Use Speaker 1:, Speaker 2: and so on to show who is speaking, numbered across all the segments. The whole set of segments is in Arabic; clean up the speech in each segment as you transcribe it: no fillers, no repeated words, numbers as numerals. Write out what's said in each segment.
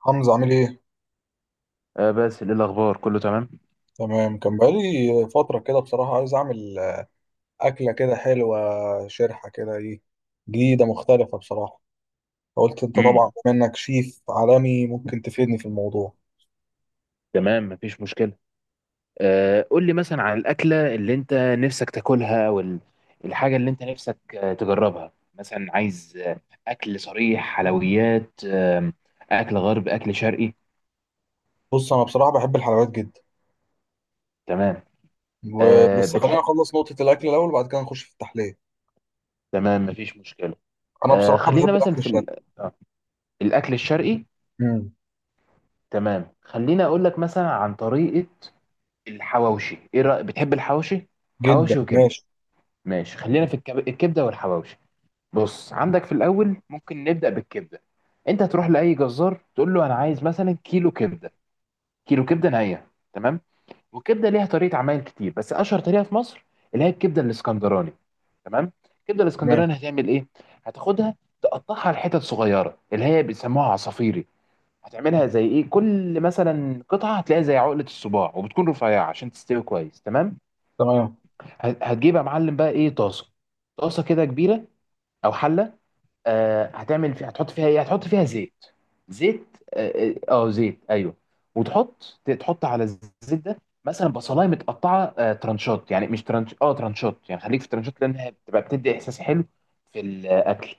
Speaker 1: حمزة عامل ايه؟
Speaker 2: آه، بس ايه الاخبار، كله تمام؟
Speaker 1: تمام، كان بقالي فترة كده. بصراحة عايز أعمل أكلة كده حلوة، شرحة كده، ايه، جديدة مختلفة بصراحة. فقلت أنت
Speaker 2: امم
Speaker 1: طبعا بما إنك شيف عالمي ممكن تفيدني في الموضوع.
Speaker 2: تمام، مفيش مشكله. آه، قول لي مثلا عن الاكله اللي انت نفسك تاكلها، الحاجه اللي انت نفسك تجربها، مثلا عايز اكل صريح، حلويات، اكل غرب، اكل شرقي؟
Speaker 1: بص أنا بصراحة بحب الحلويات جدا.
Speaker 2: تمام. آه،
Speaker 1: بس خلينا
Speaker 2: بتحب.
Speaker 1: نخلص نقطة الأكل الأول وبعد كده نخش في التحلية.
Speaker 2: تمام، مفيش مشكله.
Speaker 1: أنا
Speaker 2: آه،
Speaker 1: بصراحة
Speaker 2: خلينا
Speaker 1: بحب
Speaker 2: مثلا
Speaker 1: الأكل
Speaker 2: في ال...
Speaker 1: الشرقي.
Speaker 2: آه الاكل الشرقي.
Speaker 1: مم.
Speaker 2: تمام، خلينا اقول لك مثلا عن طريقه الحواوشي، ايه رايك؟ بتحب الحواوشي،
Speaker 1: جدا،
Speaker 2: حواوشي وكبده؟
Speaker 1: ماشي.
Speaker 2: ماشي، خلينا في الكبده والحواوشي. بص، عندك في الاول ممكن نبدا بالكبده. انت هتروح لاي جزار تقول له انا عايز مثلا كيلو كبده، كيلو كبده نيه، تمام. والكبده ليها طريقه عمايل كتير، بس اشهر طريقه في مصر اللي هي الكبده الاسكندراني. تمام. الكبده
Speaker 1: تمام.
Speaker 2: الاسكندراني هتعمل ايه؟ هتاخدها، تقطعها لحتت صغيره اللي هي بيسموها عصافيري، هتعملها زي ايه؟ كل مثلا قطعه هتلاقيها زي عقله الصباع، وبتكون رفيعه عشان تستوي كويس، تمام.
Speaker 1: تمام،
Speaker 2: هتجيب يا معلم بقى ايه؟ طاسه، طاسه كده كبيره، او حله. هتعمل فيها، هتحط فيها ايه؟ هتحط فيها زيت. زيت، زيت، ايوه. وتحط على الزيت ده مثلا بصلايه متقطعه ترانشات، يعني مش ترانش، ترانشات، يعني خليك في ترانشات لانها بتبقى بتدي احساس حلو في الاكل،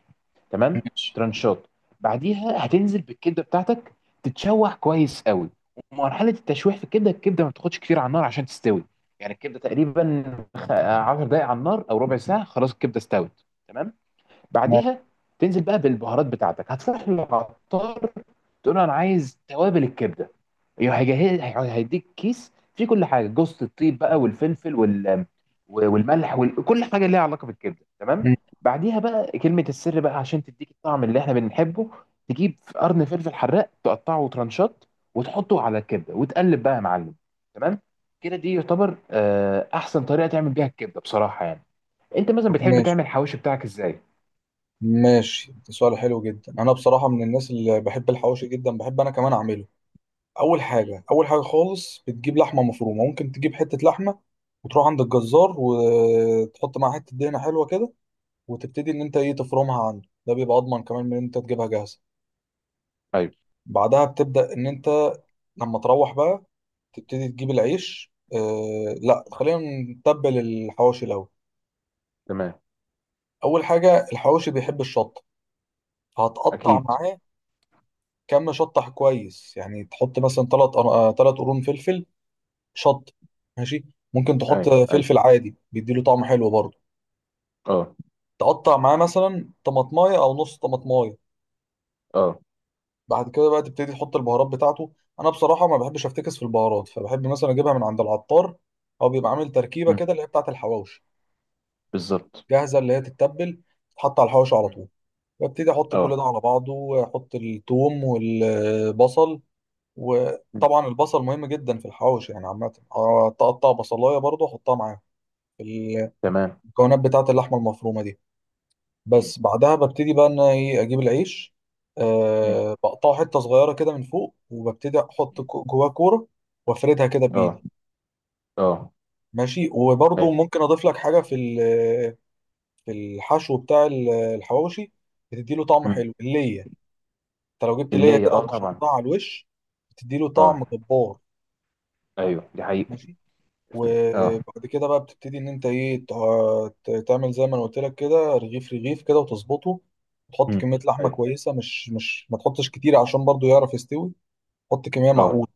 Speaker 2: تمام.
Speaker 1: ماشي.
Speaker 2: ترانشات. بعديها هتنزل بالكبده بتاعتك، تتشوح كويس قوي. ومرحله التشويح في الكبده، الكبده ما بتاخدش كتير على النار عشان تستوي. يعني الكبده تقريبا 10 دقائق على النار او ربع ساعه، خلاص الكبده استوت، تمام.
Speaker 1: تمام.
Speaker 2: بعديها تنزل بقى بالبهارات بتاعتك، هتروح للعطار تقول له انا عايز توابل الكبده، هيجهز هيديك كيس فيه كل حاجه، جوزة الطيب بقى والفلفل والملح، وكل حاجه ليها علاقه بالكبده، تمام.
Speaker 1: مم.
Speaker 2: بعديها بقى كلمه السر بقى عشان تديك الطعم اللي احنا بنحبه، تجيب قرن فلفل حراق تقطعه ترانشات وتحطه على الكبده، وتقلب بقى يا معلم، تمام. كده دي يعتبر احسن طريقه تعمل بيها الكبده بصراحه. يعني انت مثلا
Speaker 1: طب
Speaker 2: بتحب
Speaker 1: ماشي.
Speaker 2: تعمل الحواوشي بتاعك ازاي؟
Speaker 1: ماشي، ده سؤال حلو جدا. أنا بصراحة من الناس اللي بحب الحواوشي جدا، بحب أنا كمان أعمله. اول
Speaker 2: مم.
Speaker 1: حاجه اول حاجه خالص بتجيب لحمه مفرومه، ممكن تجيب حته لحمه وتروح عند الجزار وتحط معاها حته دهنه حلوه كده، وتبتدي ان انت ايه تفرمها عنده، ده بيبقى اضمن كمان من ان انت تجيبها جاهزه.
Speaker 2: ايوه.
Speaker 1: بعدها بتبدا ان انت لما تروح بقى، تبتدي تجيب العيش، آه لا خلينا نتبل الحواوشي الاول.
Speaker 2: تمام.
Speaker 1: اول حاجه الحواوشي بيحب الشطه، فهتقطع
Speaker 2: اكيد.
Speaker 1: معاه كم شطه كويس، يعني تحط مثلا ثلاث قرون فلفل، شط، ماشي. ممكن
Speaker 2: اي.
Speaker 1: تحط
Speaker 2: اي.
Speaker 1: فلفل عادي بيديله طعم حلو برضه.
Speaker 2: اه.
Speaker 1: تقطع معاه مثلا طماطمايه او نص طماطمايه.
Speaker 2: اه.
Speaker 1: بعد كده بقى تبتدي تحط البهارات بتاعته. انا بصراحه ما بحبش افتكس في البهارات، فبحب مثلا اجيبها من عند العطار، او بيبقى عامل تركيبه
Speaker 2: مم.
Speaker 1: كده اللي هي بتاعه الحواوشي
Speaker 2: بالظبط.
Speaker 1: جاهزه، اللي هي تتبل، تتحط على الحواوشي على
Speaker 2: مم.
Speaker 1: طول. ببتدي احط كل
Speaker 2: اه.
Speaker 1: ده على بعضه واحط الثوم والبصل.
Speaker 2: مم.
Speaker 1: وطبعا البصل مهم جدا في الحواوشي، يعني عامه أقطع بصلايه برضه احطها معاه في
Speaker 2: تمام.
Speaker 1: المكونات بتاعه اللحمه المفرومه دي.
Speaker 2: مم.
Speaker 1: بس بعدها ببتدي بقى ان انا ايه اجيب العيش،
Speaker 2: مم.
Speaker 1: أه بقطعه حته صغيره كده من فوق، وببتدي احط
Speaker 2: مم.
Speaker 1: جواه كوره، وافردها كده
Speaker 2: اه.
Speaker 1: بايدي.
Speaker 2: اه.
Speaker 1: ماشي،
Speaker 2: اي.
Speaker 1: وبرضو ممكن اضيف لك حاجه في في الحشو بتاع الحواوشي، بتدي له طعم
Speaker 2: مم.
Speaker 1: حلو، الليه. انت لو جبت ليه
Speaker 2: اللي
Speaker 1: كده
Speaker 2: طبعا.
Speaker 1: وبشرتها على الوش، بتدي له
Speaker 2: اه.
Speaker 1: طعم جبار.
Speaker 2: ايوه، دي حقيقة.
Speaker 1: ماشي.
Speaker 2: اه.
Speaker 1: وبعد كده بقى بتبتدي ان انت ايه تعمل زي ما انا قلت لك كده، رغيف رغيف كده وتظبطه. تحط
Speaker 2: مم.
Speaker 1: كميه لحمه
Speaker 2: اي.
Speaker 1: كويسه، مش ما تحطش كتير عشان برضو يعرف يستوي. حط كميه
Speaker 2: اه.
Speaker 1: معقوله.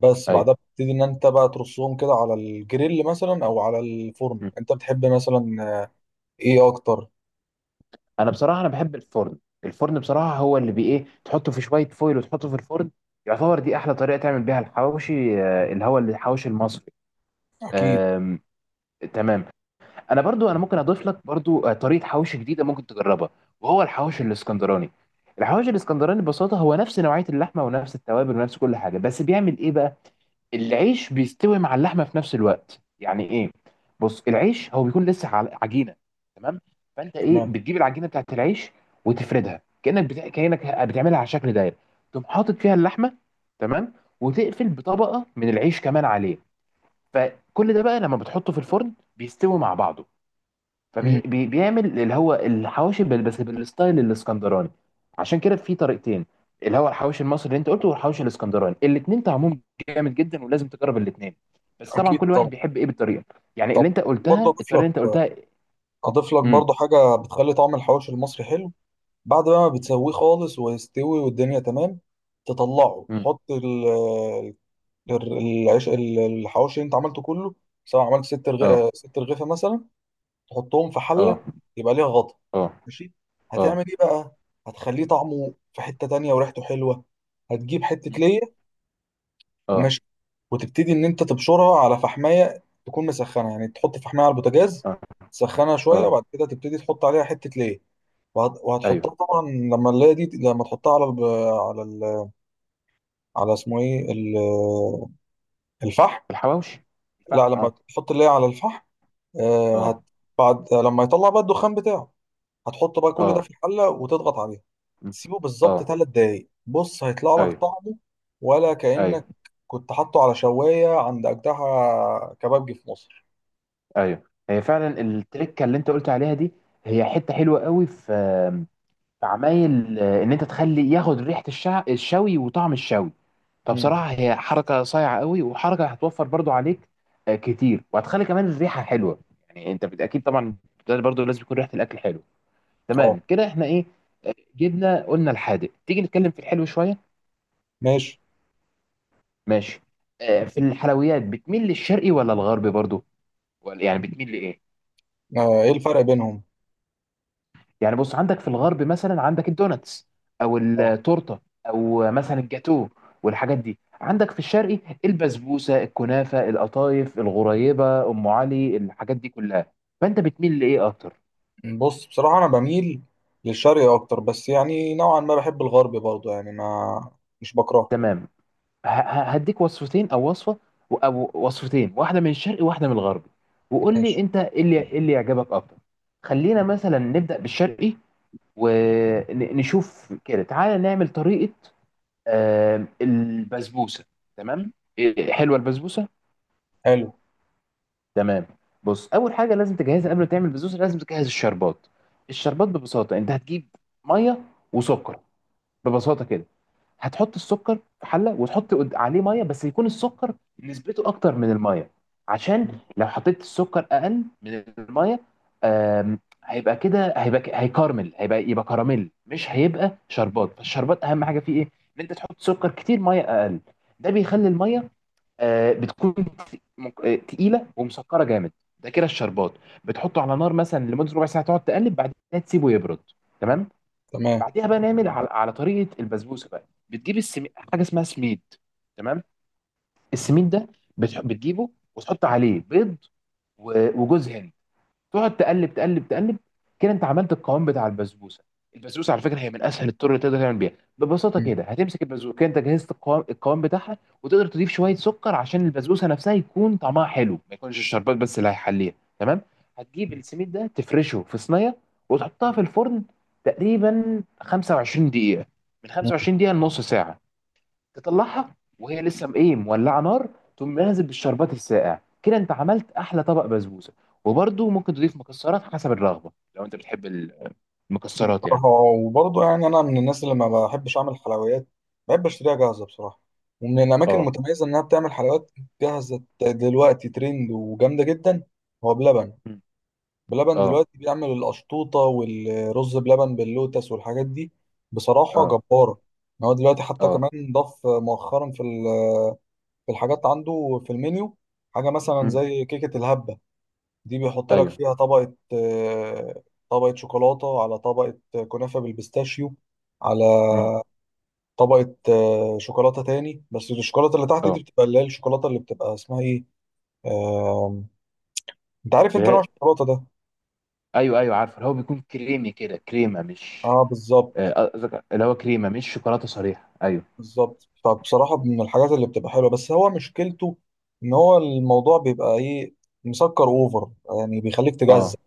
Speaker 1: بس
Speaker 2: اي.
Speaker 1: بعدها بتبتدي ان انت بقى ترصهم كده على الجريل مثلا او على الفرن،
Speaker 2: مم.
Speaker 1: انت بتحب مثلا ايه اكتر؟
Speaker 2: انا بصراحة انا بحب الفرن. الفرن بصراحة هو اللي بي ايه، تحطه في شوية فويل وتحطه في الفرن، يعتبر دي احلى طريقة تعمل بيها الحواوشي، اللي هو الحواوشي المصري.
Speaker 1: اكيد.
Speaker 2: آم، تمام. انا برضو انا ممكن اضيف لك برضو طريقه حواوشي جديده ممكن تجربها، وهو الحواوشي الاسكندراني. الحواوشي الاسكندراني ببساطه هو نفس نوعيه اللحمه، ونفس التوابل، ونفس كل حاجه، بس بيعمل ايه بقى؟ العيش بيستوي مع اللحمه في نفس الوقت. يعني ايه؟ بص، العيش هو بيكون لسه عجينه، تمام. فانت ايه؟
Speaker 1: تمام.
Speaker 2: بتجيب العجينه بتاعت العيش وتفردها كانك بتعملها على شكل دايره، تقوم حاطط فيها اللحمه، تمام. وتقفل بطبقه من العيش كمان عليه، فكل ده بقى لما بتحطه في الفرن بيستوي مع بعضه،
Speaker 1: امم.
Speaker 2: فبيعمل اللي هو الحواوشي بس بالستايل الاسكندراني. عشان كده في طريقتين، اللي هو الحواوشي المصري اللي انت قلته والحواوشي الاسكندراني، الاثنين طعمهم جامد جدا، ولازم تجرب الاثنين. بس طبعا
Speaker 1: اكيد
Speaker 2: كل
Speaker 1: طبعا.
Speaker 2: واحد بيحب ايه بالطريقه، يعني
Speaker 1: طب
Speaker 2: اللي انت
Speaker 1: برضه
Speaker 2: قلتها،
Speaker 1: اضيف
Speaker 2: الطريقه
Speaker 1: لك،
Speaker 2: اللي انت قلتها.
Speaker 1: اضيف لك
Speaker 2: امم
Speaker 1: برضه حاجه بتخلي طعم الحواوشي المصري حلو. بعد بقى ما بتسويه خالص ويستوي والدنيا تمام، تطلعه،
Speaker 2: امم
Speaker 1: تحط العيش، الحواوشي اللي انت عملته كله، سواء عملت
Speaker 2: اه.
Speaker 1: ست رغيفة مثلا، تحطهم في
Speaker 2: اه.
Speaker 1: حلة يبقى ليها غطا.
Speaker 2: اه.
Speaker 1: ماشي.
Speaker 2: اه.
Speaker 1: هتعمل ايه بقى؟ هتخليه طعمه في حتة تانية وريحته حلوة. هتجيب حتة
Speaker 2: مم.
Speaker 1: ليا
Speaker 2: اه.
Speaker 1: وماشي، وتبتدي ان انت تبشرها على فحماية تكون مسخنة، يعني تحط فحماية على البوتاجاز،
Speaker 2: اه.
Speaker 1: تسخنها
Speaker 2: اه.
Speaker 1: شوية، وبعد كده تبتدي تحط عليها حتة ليا، وهتحطها
Speaker 2: ايوه.
Speaker 1: طبعا، لما نلاقي دي لما تحطها على الب... على ال... على اسمه ايه ال... الفحم.
Speaker 2: الحواوشي.
Speaker 1: لا،
Speaker 2: الفحم،
Speaker 1: لما
Speaker 2: اه.
Speaker 1: تحط اللي هي على الفحم، آه هت...
Speaker 2: اه.
Speaker 1: بعد لما يطلع بقى الدخان بتاعه، هتحط بقى كل ده
Speaker 2: اه.
Speaker 1: في الحله وتضغط عليها.
Speaker 2: مم.
Speaker 1: سيبه بالظبط
Speaker 2: اه.
Speaker 1: 3 دقايق، بص هيطلع لك
Speaker 2: ايوه.
Speaker 1: طعمه ولا
Speaker 2: ايوه.
Speaker 1: كأنك كنت حاطه على شوايه عند اجدها كبابجي في مصر.
Speaker 2: ايوه، هي فعلا التركه اللي انت قلت عليها دي، هي حته حلوه قوي في عمايل، ان انت تخلي ياخد ريحه الشوي وطعم الشوي.
Speaker 1: امم.
Speaker 2: فبصراحه هي حركه صايعه قوي، وحركه هتوفر برضو عليك كتير، وهتخلي كمان الريحه حلوه، يعني انت اكيد طبعا، ده برضو لازم يكون ريحه الاكل حلوه،
Speaker 1: اه.
Speaker 2: تمام. كده احنا ايه، جبنا قلنا الحادق، تيجي نتكلم في الحلو شويه؟
Speaker 1: ماشي.
Speaker 2: ماشي. في الحلويات بتميل للشرقي ولا الغربي برضو، ولا يعني بتميل لايه؟
Speaker 1: آه، ايه الفرق بينهم؟
Speaker 2: يعني بص، عندك في الغرب مثلا عندك الدوناتس، او
Speaker 1: أه.
Speaker 2: التورته، او مثلا الجاتو، والحاجات دي. عندك في الشرقي البسبوسه، الكنافه، القطايف، الغريبه، ام علي، الحاجات دي كلها. فانت بتميل لايه اكتر؟
Speaker 1: بص بصراحة أنا بميل للشرق أكتر، بس يعني نوعا ما بحب الغرب برضه، يعني ما، مش بكرهه.
Speaker 2: تمام. هديك وصفتين او وصفه، او وصفتين، واحده من الشرقي وواحده من الغرب، وقول لي
Speaker 1: ماشي.
Speaker 2: انت ايه اللي إيه اللي يعجبك اكتر. خلينا مثلا نبدا بالشرقي ونشوف كده، تعالى نعمل طريقه البسبوسه. تمام. إيه، حلوه البسبوسه.
Speaker 1: حلو.
Speaker 2: تمام. بص اول حاجه لازم تجهزها قبل ما تعمل البسبوسه، لازم تجهز الشربات. الشربات ببساطه انت هتجيب ميه وسكر، ببساطه كده. هتحط السكر في حله وتحط عليه ميه، بس يكون السكر نسبته اكتر من الميه. عشان
Speaker 1: م.
Speaker 2: لو حطيت السكر اقل من الميه، آم، هيبقى كده، هيبقى هيكرمل، يبقى كراميل، مش هيبقى شربات. فالشربات اهم حاجه فيه ايه؟ ان انت تحط سكر كتير، ميه اقل. ده بيخلي الميه بتكون تقيله ومسكره جامد. ده كده الشربات. بتحطه على نار مثلا لمده ربع ساعه، تقعد تقلب، بعدين تسيبه يبرد، تمام.
Speaker 1: تمام.
Speaker 2: بعديها بقى نعمل على طريقه البسبوسه بقى. بتجيب حاجه اسمها سميد، تمام. السميد ده بتجيبه، وتحط عليه بيض و... وجوز هند، تقعد تقلب تقلب تقلب، كده انت عملت القوام بتاع البسبوسه. البسبوسه على فكره هي من اسهل الطرق اللي تقدر تعمل بيها، ببساطه
Speaker 1: م.
Speaker 2: كده هتمسك البسبوسه. كده انت جهزت القوام القوام بتاعها، وتقدر تضيف شويه سكر عشان البسبوسه نفسها يكون طعمها حلو، ما يكونش الشربات بس اللي هيحليها، تمام. هتجيب السميد ده تفرشه في صينيه وتحطها في الفرن تقريبا 25 دقيقه، من
Speaker 1: م.
Speaker 2: 25 دقيقه لنص ساعه. تطلعها وهي لسه ايه، مولعه نار، تقوم نازل بالشربات الساقع، كده انت عملت احلى طبق بسبوسه. وبرده ممكن تضيف مكسرات حسب الرغبه، لو انت بتحب المكسرات يعني.
Speaker 1: بصراحة وبرضه يعني أنا من الناس اللي ما بحبش أعمل حلويات، بحب أشتريها جاهزة بصراحة. ومن الأماكن
Speaker 2: اه.
Speaker 1: المتميزة إنها بتعمل حلويات جاهزة دلوقتي، ترند وجامدة جدا، هو بلبن.
Speaker 2: مم.
Speaker 1: بلبن
Speaker 2: اه.
Speaker 1: دلوقتي بيعمل القشطوطة والرز بلبن باللوتس والحاجات دي، بصراحة
Speaker 2: اه.
Speaker 1: جبارة. إن هو دلوقتي حتى
Speaker 2: اه.
Speaker 1: كمان ضاف مؤخرا في في الحاجات عنده في المنيو حاجة مثلا
Speaker 2: مم.
Speaker 1: زي كيكة الهبة. دي بيحط لك
Speaker 2: ايوه.
Speaker 1: فيها طبقة، طبقة شوكولاتة على طبقة كنافة بالبيستاشيو، على
Speaker 2: مم.
Speaker 1: طبقة، شوكولاتة تاني. بس الشوكولاتة اللي تحت دي
Speaker 2: اه.
Speaker 1: بتبقى اللي هي الشوكولاتة اللي بتبقى اسمها ايه، آم، انت عارف انت نوع
Speaker 2: كرا-
Speaker 1: الشوكولاتة ده.
Speaker 2: ايوه، ايوه، عارف، اللي هو بيكون كريمي كده، كريمه مش...
Speaker 1: اه بالظبط.
Speaker 2: قصدك اللي هو كريمه مش شوكولاته صريحه. ايوه.
Speaker 1: بالظبط. فبصراحة من الحاجات اللي بتبقى حلوة، بس هو مشكلته إن هو الموضوع بيبقى إيه، مسكر أوفر، يعني بيخليك
Speaker 2: اه،
Speaker 1: تجزع.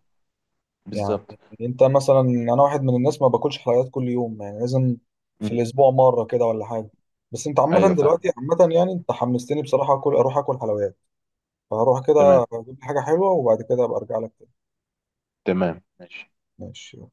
Speaker 1: يعني
Speaker 2: بالظبط.
Speaker 1: أنت مثلا، أنا واحد من الناس ما باكلش حلويات كل يوم، يعني لازم في
Speaker 2: مم.
Speaker 1: الأسبوع مرة كده ولا حاجة. بس أنت
Speaker 2: ايوه،
Speaker 1: عامة
Speaker 2: فاهم.
Speaker 1: دلوقتي، عامة يعني أنت حمستني بصراحة أكل، أروح أكل حلويات. فهروح
Speaker 2: تمام.
Speaker 1: كده أجيب لي حاجة حلوة، وبعد كده أبقى أرجع لك تاني.
Speaker 2: تمام، ماشي.
Speaker 1: ماشي.